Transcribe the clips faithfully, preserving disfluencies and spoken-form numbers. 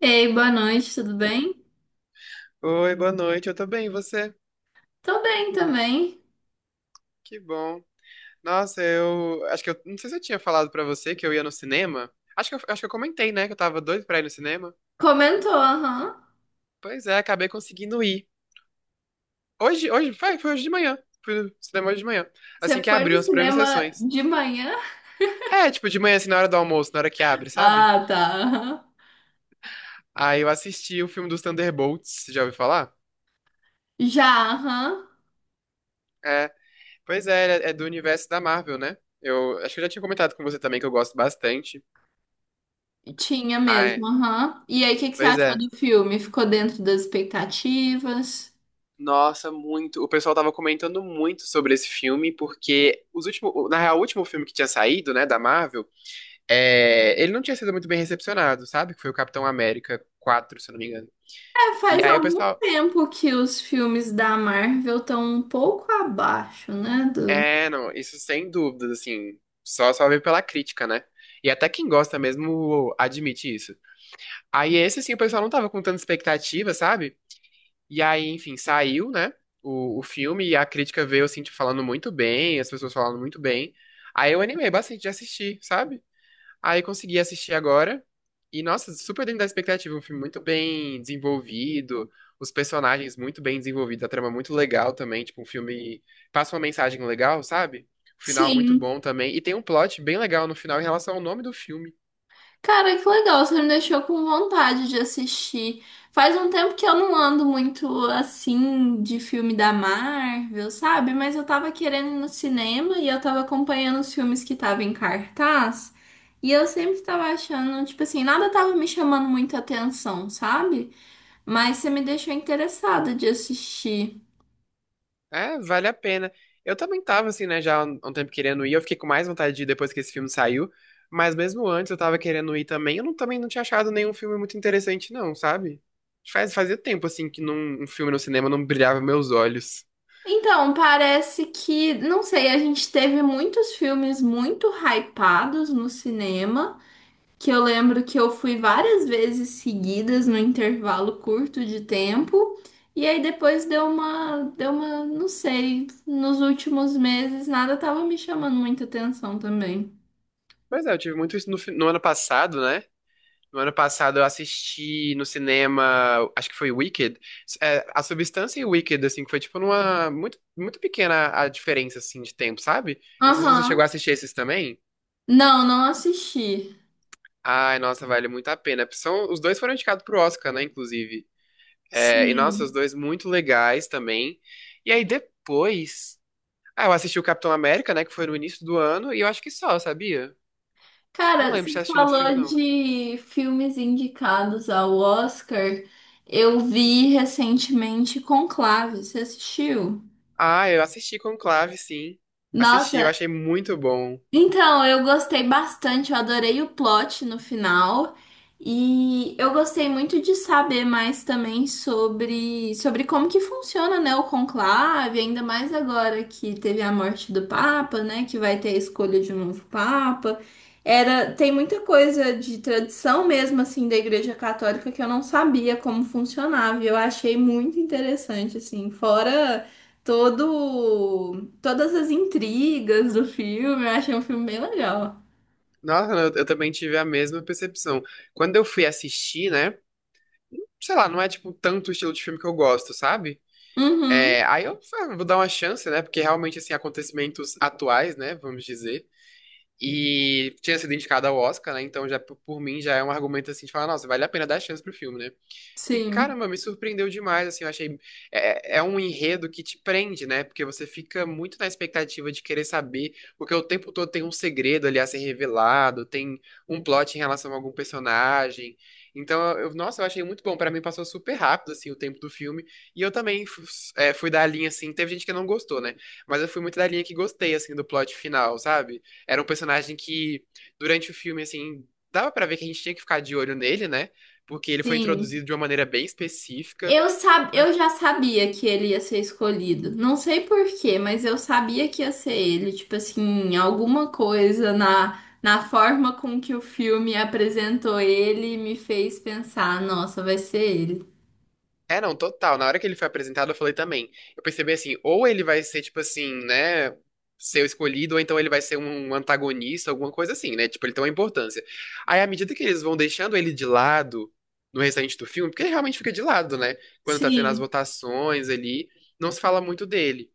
Ei, boa noite, tudo bem? Oi, boa noite. Eu tô bem, e você? Tô bem também. Que bom. Nossa, eu acho que eu não sei se eu tinha falado pra você que eu ia no cinema. Acho que eu, acho que eu comentei, né, que eu tava doido pra ir no cinema. Comentou, aham. Pois é, acabei conseguindo ir. Hoje, hoje foi, foi hoje de manhã. Fui no cinema hoje de manhã, Você assim que foi no abriu as primeiras cinema sessões. de manhã? É, tipo de manhã assim na hora do almoço, na hora que abre, sabe? Ah, tá, aham. Aí eu assisti o filme dos Thunderbolts, já ouviu falar? Já, aham. É, pois é, é é do universo da Marvel, né? Eu acho que eu já tinha comentado com você também que eu gosto bastante. Tinha Ah, mesmo, é. aham. E aí, o que que você Pois achou é. do filme? Ficou dentro das expectativas? Nossa, muito. O pessoal tava comentando muito sobre esse filme, porque os últimos, na real, o último filme que tinha saído, né, da Marvel, é, ele não tinha sido muito bem recepcionado, sabe? Que foi o Capitão América quatro, se eu não me engano. É, E faz aí o algum pessoal, tempo que os filmes da Marvel estão um pouco abaixo, né? Do... é, não, isso sem dúvidas, assim, só só veio pela crítica, né? E até quem gosta mesmo admite isso. Aí esse, assim, o pessoal não tava com tanta expectativa, sabe? E aí, enfim, saiu, né? O, o filme e a crítica veio, assim, tipo, falando muito bem, as pessoas falando muito bem. Aí eu animei bastante de assistir, sabe? Aí consegui assistir agora. E, nossa, super dentro da expectativa. Um filme muito bem desenvolvido, os personagens muito bem desenvolvidos, a trama muito legal também. Tipo, um filme passa uma mensagem legal, sabe? O final muito Sim. bom também. E tem um plot bem legal no final em relação ao nome do filme. Cara, que legal, você me deixou com vontade de assistir. Faz um tempo que eu não ando muito assim de filme da Marvel, sabe? Mas eu tava querendo ir no cinema e eu tava acompanhando os filmes que estavam em cartaz. E eu sempre tava achando, tipo assim, nada tava me chamando muita atenção, sabe? Mas você me deixou interessada de assistir. É, vale a pena. Eu também tava, assim, né, já há um um tempo querendo ir. Eu fiquei com mais vontade de ir depois que esse filme saiu. Mas mesmo antes eu tava querendo ir também. Eu não, também não tinha achado nenhum filme muito interessante, não, sabe? Faz, fazia tempo, assim, que num, um filme no cinema não brilhava meus olhos. Então, parece que, não sei, a gente teve muitos filmes muito hypados no cinema, que eu lembro que eu fui várias vezes seguidas no intervalo curto de tempo. E aí depois deu uma, deu uma, não sei, nos últimos meses nada tava me chamando muita atenção também. Mas é, eu tive muito isso no, fi- no ano passado, né? No ano passado eu assisti no cinema, acho que foi Wicked. É, a Substância e Wicked, assim, que foi tipo numa. Muito, muito pequena a diferença, assim, de tempo, sabe? Eu não sei se você chegou a Aham. assistir esses também. Não, não assisti. Ai, nossa, vale muito a pena. São, os dois foram indicados pro Oscar, né, inclusive. É, e, nossa, os Sim. dois muito legais também. E aí, depois... Ah, eu assisti o Capitão América, né, que foi no início do ano, e eu acho que só, sabia? Não Cara, lembro você de ter assistido outro filme, falou não. de filmes indicados ao Oscar. Eu vi recentemente Conclave. Você assistiu? Ah, eu assisti Conclave, sim. Assisti, eu Nossa. achei muito bom. Então, eu gostei bastante, eu adorei o plot no final. E eu gostei muito de saber mais também sobre, sobre como que funciona, né, o conclave, ainda mais agora que teve a morte do Papa, né, que vai ter a escolha de um novo Papa. Era, tem muita coisa de tradição mesmo, assim, da Igreja Católica que eu não sabia como funcionava. E eu achei muito interessante, assim, fora todo, todas as intrigas do filme. Eu achei um filme bem legal. Nossa, eu, eu também tive a mesma percepção. Quando eu fui assistir, né, sei lá, não é, tipo, tanto o estilo de filme que eu gosto, sabe? É, Uhum, aí eu ah, vou dar uma chance, né? Porque realmente, assim, acontecimentos atuais, né? Vamos dizer. E tinha sido indicado ao Oscar, né? Então, já por por mim, já é um argumento, assim, de falar, nossa, vale a pena dar chance pro filme, né? E sim, caramba, me surpreendeu demais, assim, eu achei. É, é é um enredo que te prende, né? Porque você fica muito na expectativa de querer saber, porque o tempo todo tem um segredo ali a ser revelado, tem um plot em relação a algum personagem. Então, eu, nossa, eu achei muito bom. Pra mim passou super rápido, assim, o tempo do filme. E eu também fu- é, fui da linha, assim, teve gente que não gostou, né? Mas eu fui muito da linha que gostei, assim, do plot final, sabe? Era um personagem que, durante o filme, assim, dava pra ver que a gente tinha que ficar de olho nele, né? Porque ele foi sim. introduzido de uma maneira bem específica. Eu, sab... eu já sabia que ele ia ser escolhido. Não sei por quê, mas eu sabia que ia ser ele. Tipo assim, alguma coisa na, na forma com que o filme apresentou ele me fez pensar, nossa, vai ser ele. É, não, total. Na hora que ele foi apresentado, eu falei também. Eu percebi assim, ou ele vai ser, tipo assim, né? Ser o escolhido, ou então ele vai ser um antagonista, alguma coisa assim, né? Tipo, ele tem uma importância. Aí, à medida que eles vão deixando ele de lado no restante do filme, porque ele realmente fica de lado, né? Quando tá tendo as Sim. votações ali, não se fala muito dele.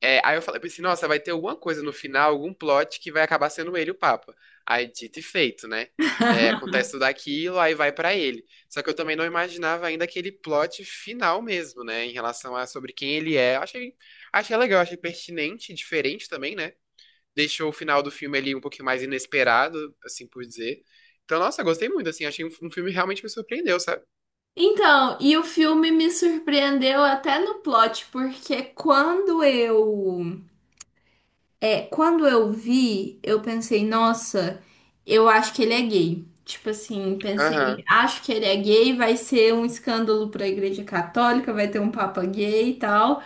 É, aí eu falei, pensei, nossa, vai ter alguma coisa no final, algum plot que vai acabar sendo ele o Papa. Aí, dito e feito, né? É, acontece tudo aquilo, aí vai pra ele. Só que eu também não imaginava ainda aquele plot final mesmo, né? Em relação a sobre quem ele é. Eu Achei, achei legal, achei pertinente, diferente também, né? Deixou o final do filme ali um pouquinho mais inesperado, assim por dizer. Então, nossa, gostei muito, assim, achei um, um filme que realmente me surpreendeu, sabe? Então, e o filme me surpreendeu até no plot, porque quando eu É, quando eu vi, eu pensei, nossa, eu acho que ele é gay. Tipo assim, pensei, Aham. acho que ele é gay, vai ser um escândalo para a Igreja Católica, vai ter um papa gay e tal.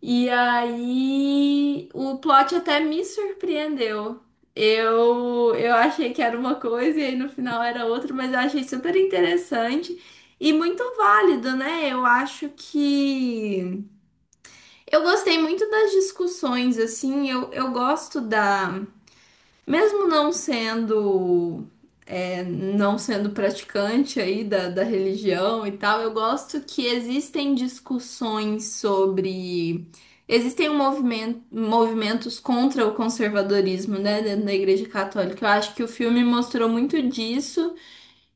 E aí, o plot até me surpreendeu. Eu, eu achei que era uma coisa e aí no final era outra, mas eu achei super interessante e muito válido, né? Eu acho que eu gostei muito das discussões, assim, eu, eu gosto da, mesmo não sendo, é, não sendo praticante aí da, da religião e tal, eu gosto que existem discussões sobre. Existem um movimento, movimentos contra o conservadorismo, né, dentro da Igreja Católica. Eu acho que o filme mostrou muito disso.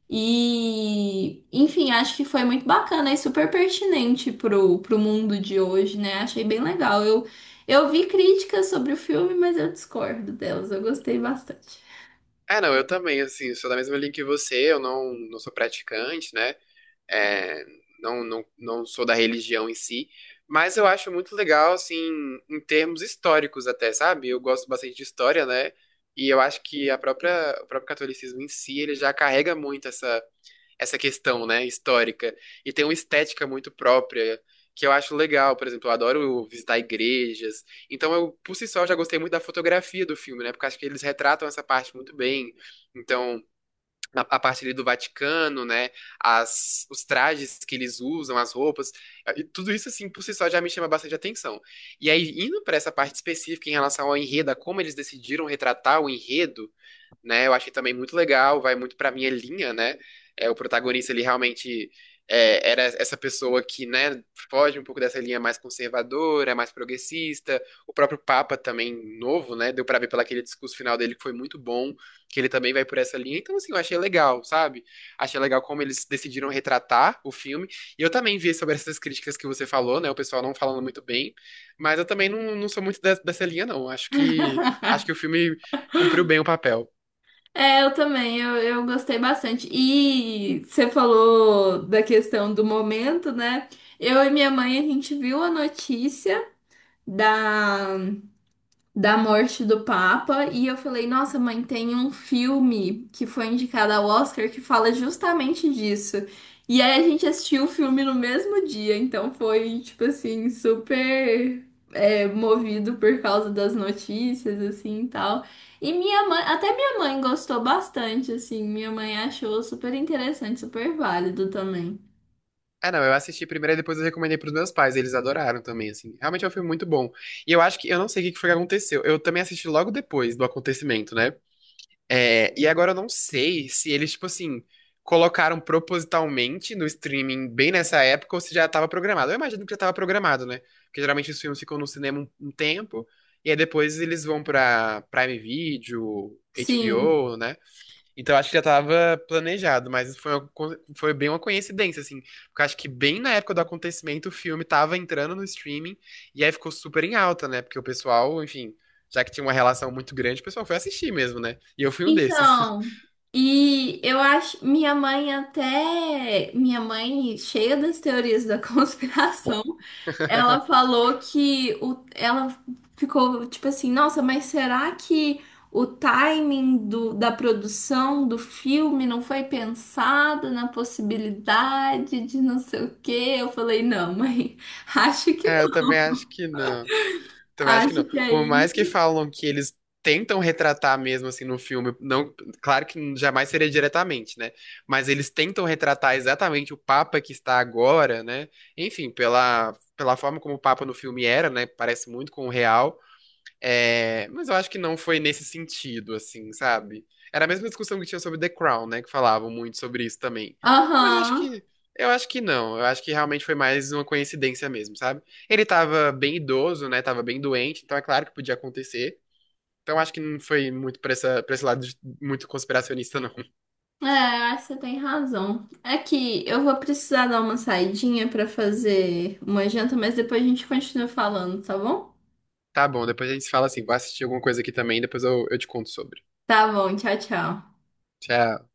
E, enfim, acho que foi muito bacana e super pertinente pro, pro mundo de hoje, né? Achei bem legal. Eu, eu vi críticas sobre o filme, mas eu discordo delas. Eu gostei bastante. É, não, eu também, assim, sou da mesma linha que você, eu não, não sou praticante, né? É, não, não, não sou da religião em si, mas eu acho muito legal, assim, em termos históricos até, sabe? Eu gosto bastante de história, né? E eu acho que a própria, o próprio catolicismo em si, ele já carrega muito essa, essa questão, né, histórica. E tem uma estética muito própria, que eu acho legal. Por exemplo, eu adoro visitar igrejas. Então, eu, por si só, já gostei muito da fotografia do filme, né? Porque eu acho que eles retratam essa parte muito bem. Então, na- a parte ali do Vaticano, né? As, os trajes que eles usam, as roupas, e tudo isso assim por si só já me chama bastante atenção. E aí indo para essa parte específica em relação ao enredo, a como eles decidiram retratar o enredo, né? Eu achei também muito legal, vai muito pra minha linha, né? É, o protagonista, ele realmente é, era essa pessoa que, né, foge um pouco dessa linha mais conservadora, mais progressista. O próprio Papa também, novo, né? Deu pra ver pelo aquele discurso final dele que foi muito bom, que ele também vai por essa linha. Então, assim, eu achei legal, sabe? Achei legal como eles decidiram retratar o filme. E eu também vi sobre essas críticas que você falou, né? O pessoal não falando muito bem. Mas eu também não, não sou muito de- dessa linha, não. Acho que, acho que o filme cumpriu bem o papel. É, eu também, eu, eu gostei bastante. E você falou da questão do momento, né? Eu e minha mãe, a gente viu a notícia da, da morte do Papa e eu falei, nossa, mãe, tem um filme que foi indicado ao Oscar que fala justamente disso. E aí a gente assistiu o filme no mesmo dia, então foi tipo assim, super, é, movido por causa das notícias, assim, e tal. E minha mãe, até minha mãe gostou bastante, assim, minha mãe achou super interessante, super válido também. Ah, não, eu assisti primeiro e depois eu recomendei pros meus pais, eles adoraram também, assim. Realmente é um filme muito bom. E eu acho que, eu não sei o que que foi que aconteceu. Eu também assisti logo depois do acontecimento, né? É, e agora eu não sei se eles, tipo assim, colocaram propositalmente no streaming bem nessa época ou se já estava programado. Eu imagino que já estava programado, né? Porque geralmente os filmes ficam no cinema um, um tempo e aí depois eles vão pra Prime Video, Sim. HBO, né? Então acho que já estava planejado, mas foi, uma co- foi bem uma coincidência, assim. Porque acho que bem na época do acontecimento o filme tava entrando no streaming e aí ficou super em alta, né? Porque o pessoal, enfim, já que tinha uma relação muito grande, o pessoal foi assistir mesmo, né? E eu fui um desses. Então, e eu acho, minha mãe até, minha mãe, cheia das teorias da conspiração, ela falou que o, ela ficou tipo assim, nossa, mas será que o timing do, da produção do filme não foi pensado na possibilidade de não sei o quê? Eu falei, não, mãe, acho que É, eu não. também acho que não. Também acho que Acho não. que Por aí. mais que falam que eles tentam retratar mesmo assim no filme, não, claro que jamais seria diretamente, né? Mas eles tentam retratar exatamente o Papa que está agora, né? Enfim, pela, pela forma como o Papa no filme era, né? Parece muito com o real. É, mas eu acho que não foi nesse sentido, assim, sabe? Era a mesma discussão que tinha sobre The Crown, né? Que falavam muito sobre isso também. Mas eu acho Aham. que. Eu acho que não. Eu acho que realmente foi mais uma coincidência mesmo, sabe? Ele tava bem idoso, né? Tava bem doente, então é claro que podia acontecer. Então eu acho que não foi muito pra, essa, pra esse lado de- muito conspiracionista, não. É, acho que você tem razão. É que eu vou precisar dar uma saidinha pra fazer uma janta, mas depois a gente continua falando, tá bom? Tá bom, depois a gente se fala assim. Vou assistir alguma coisa aqui também, depois eu, eu te conto sobre. Tá bom, tchau, tchau. Tchau.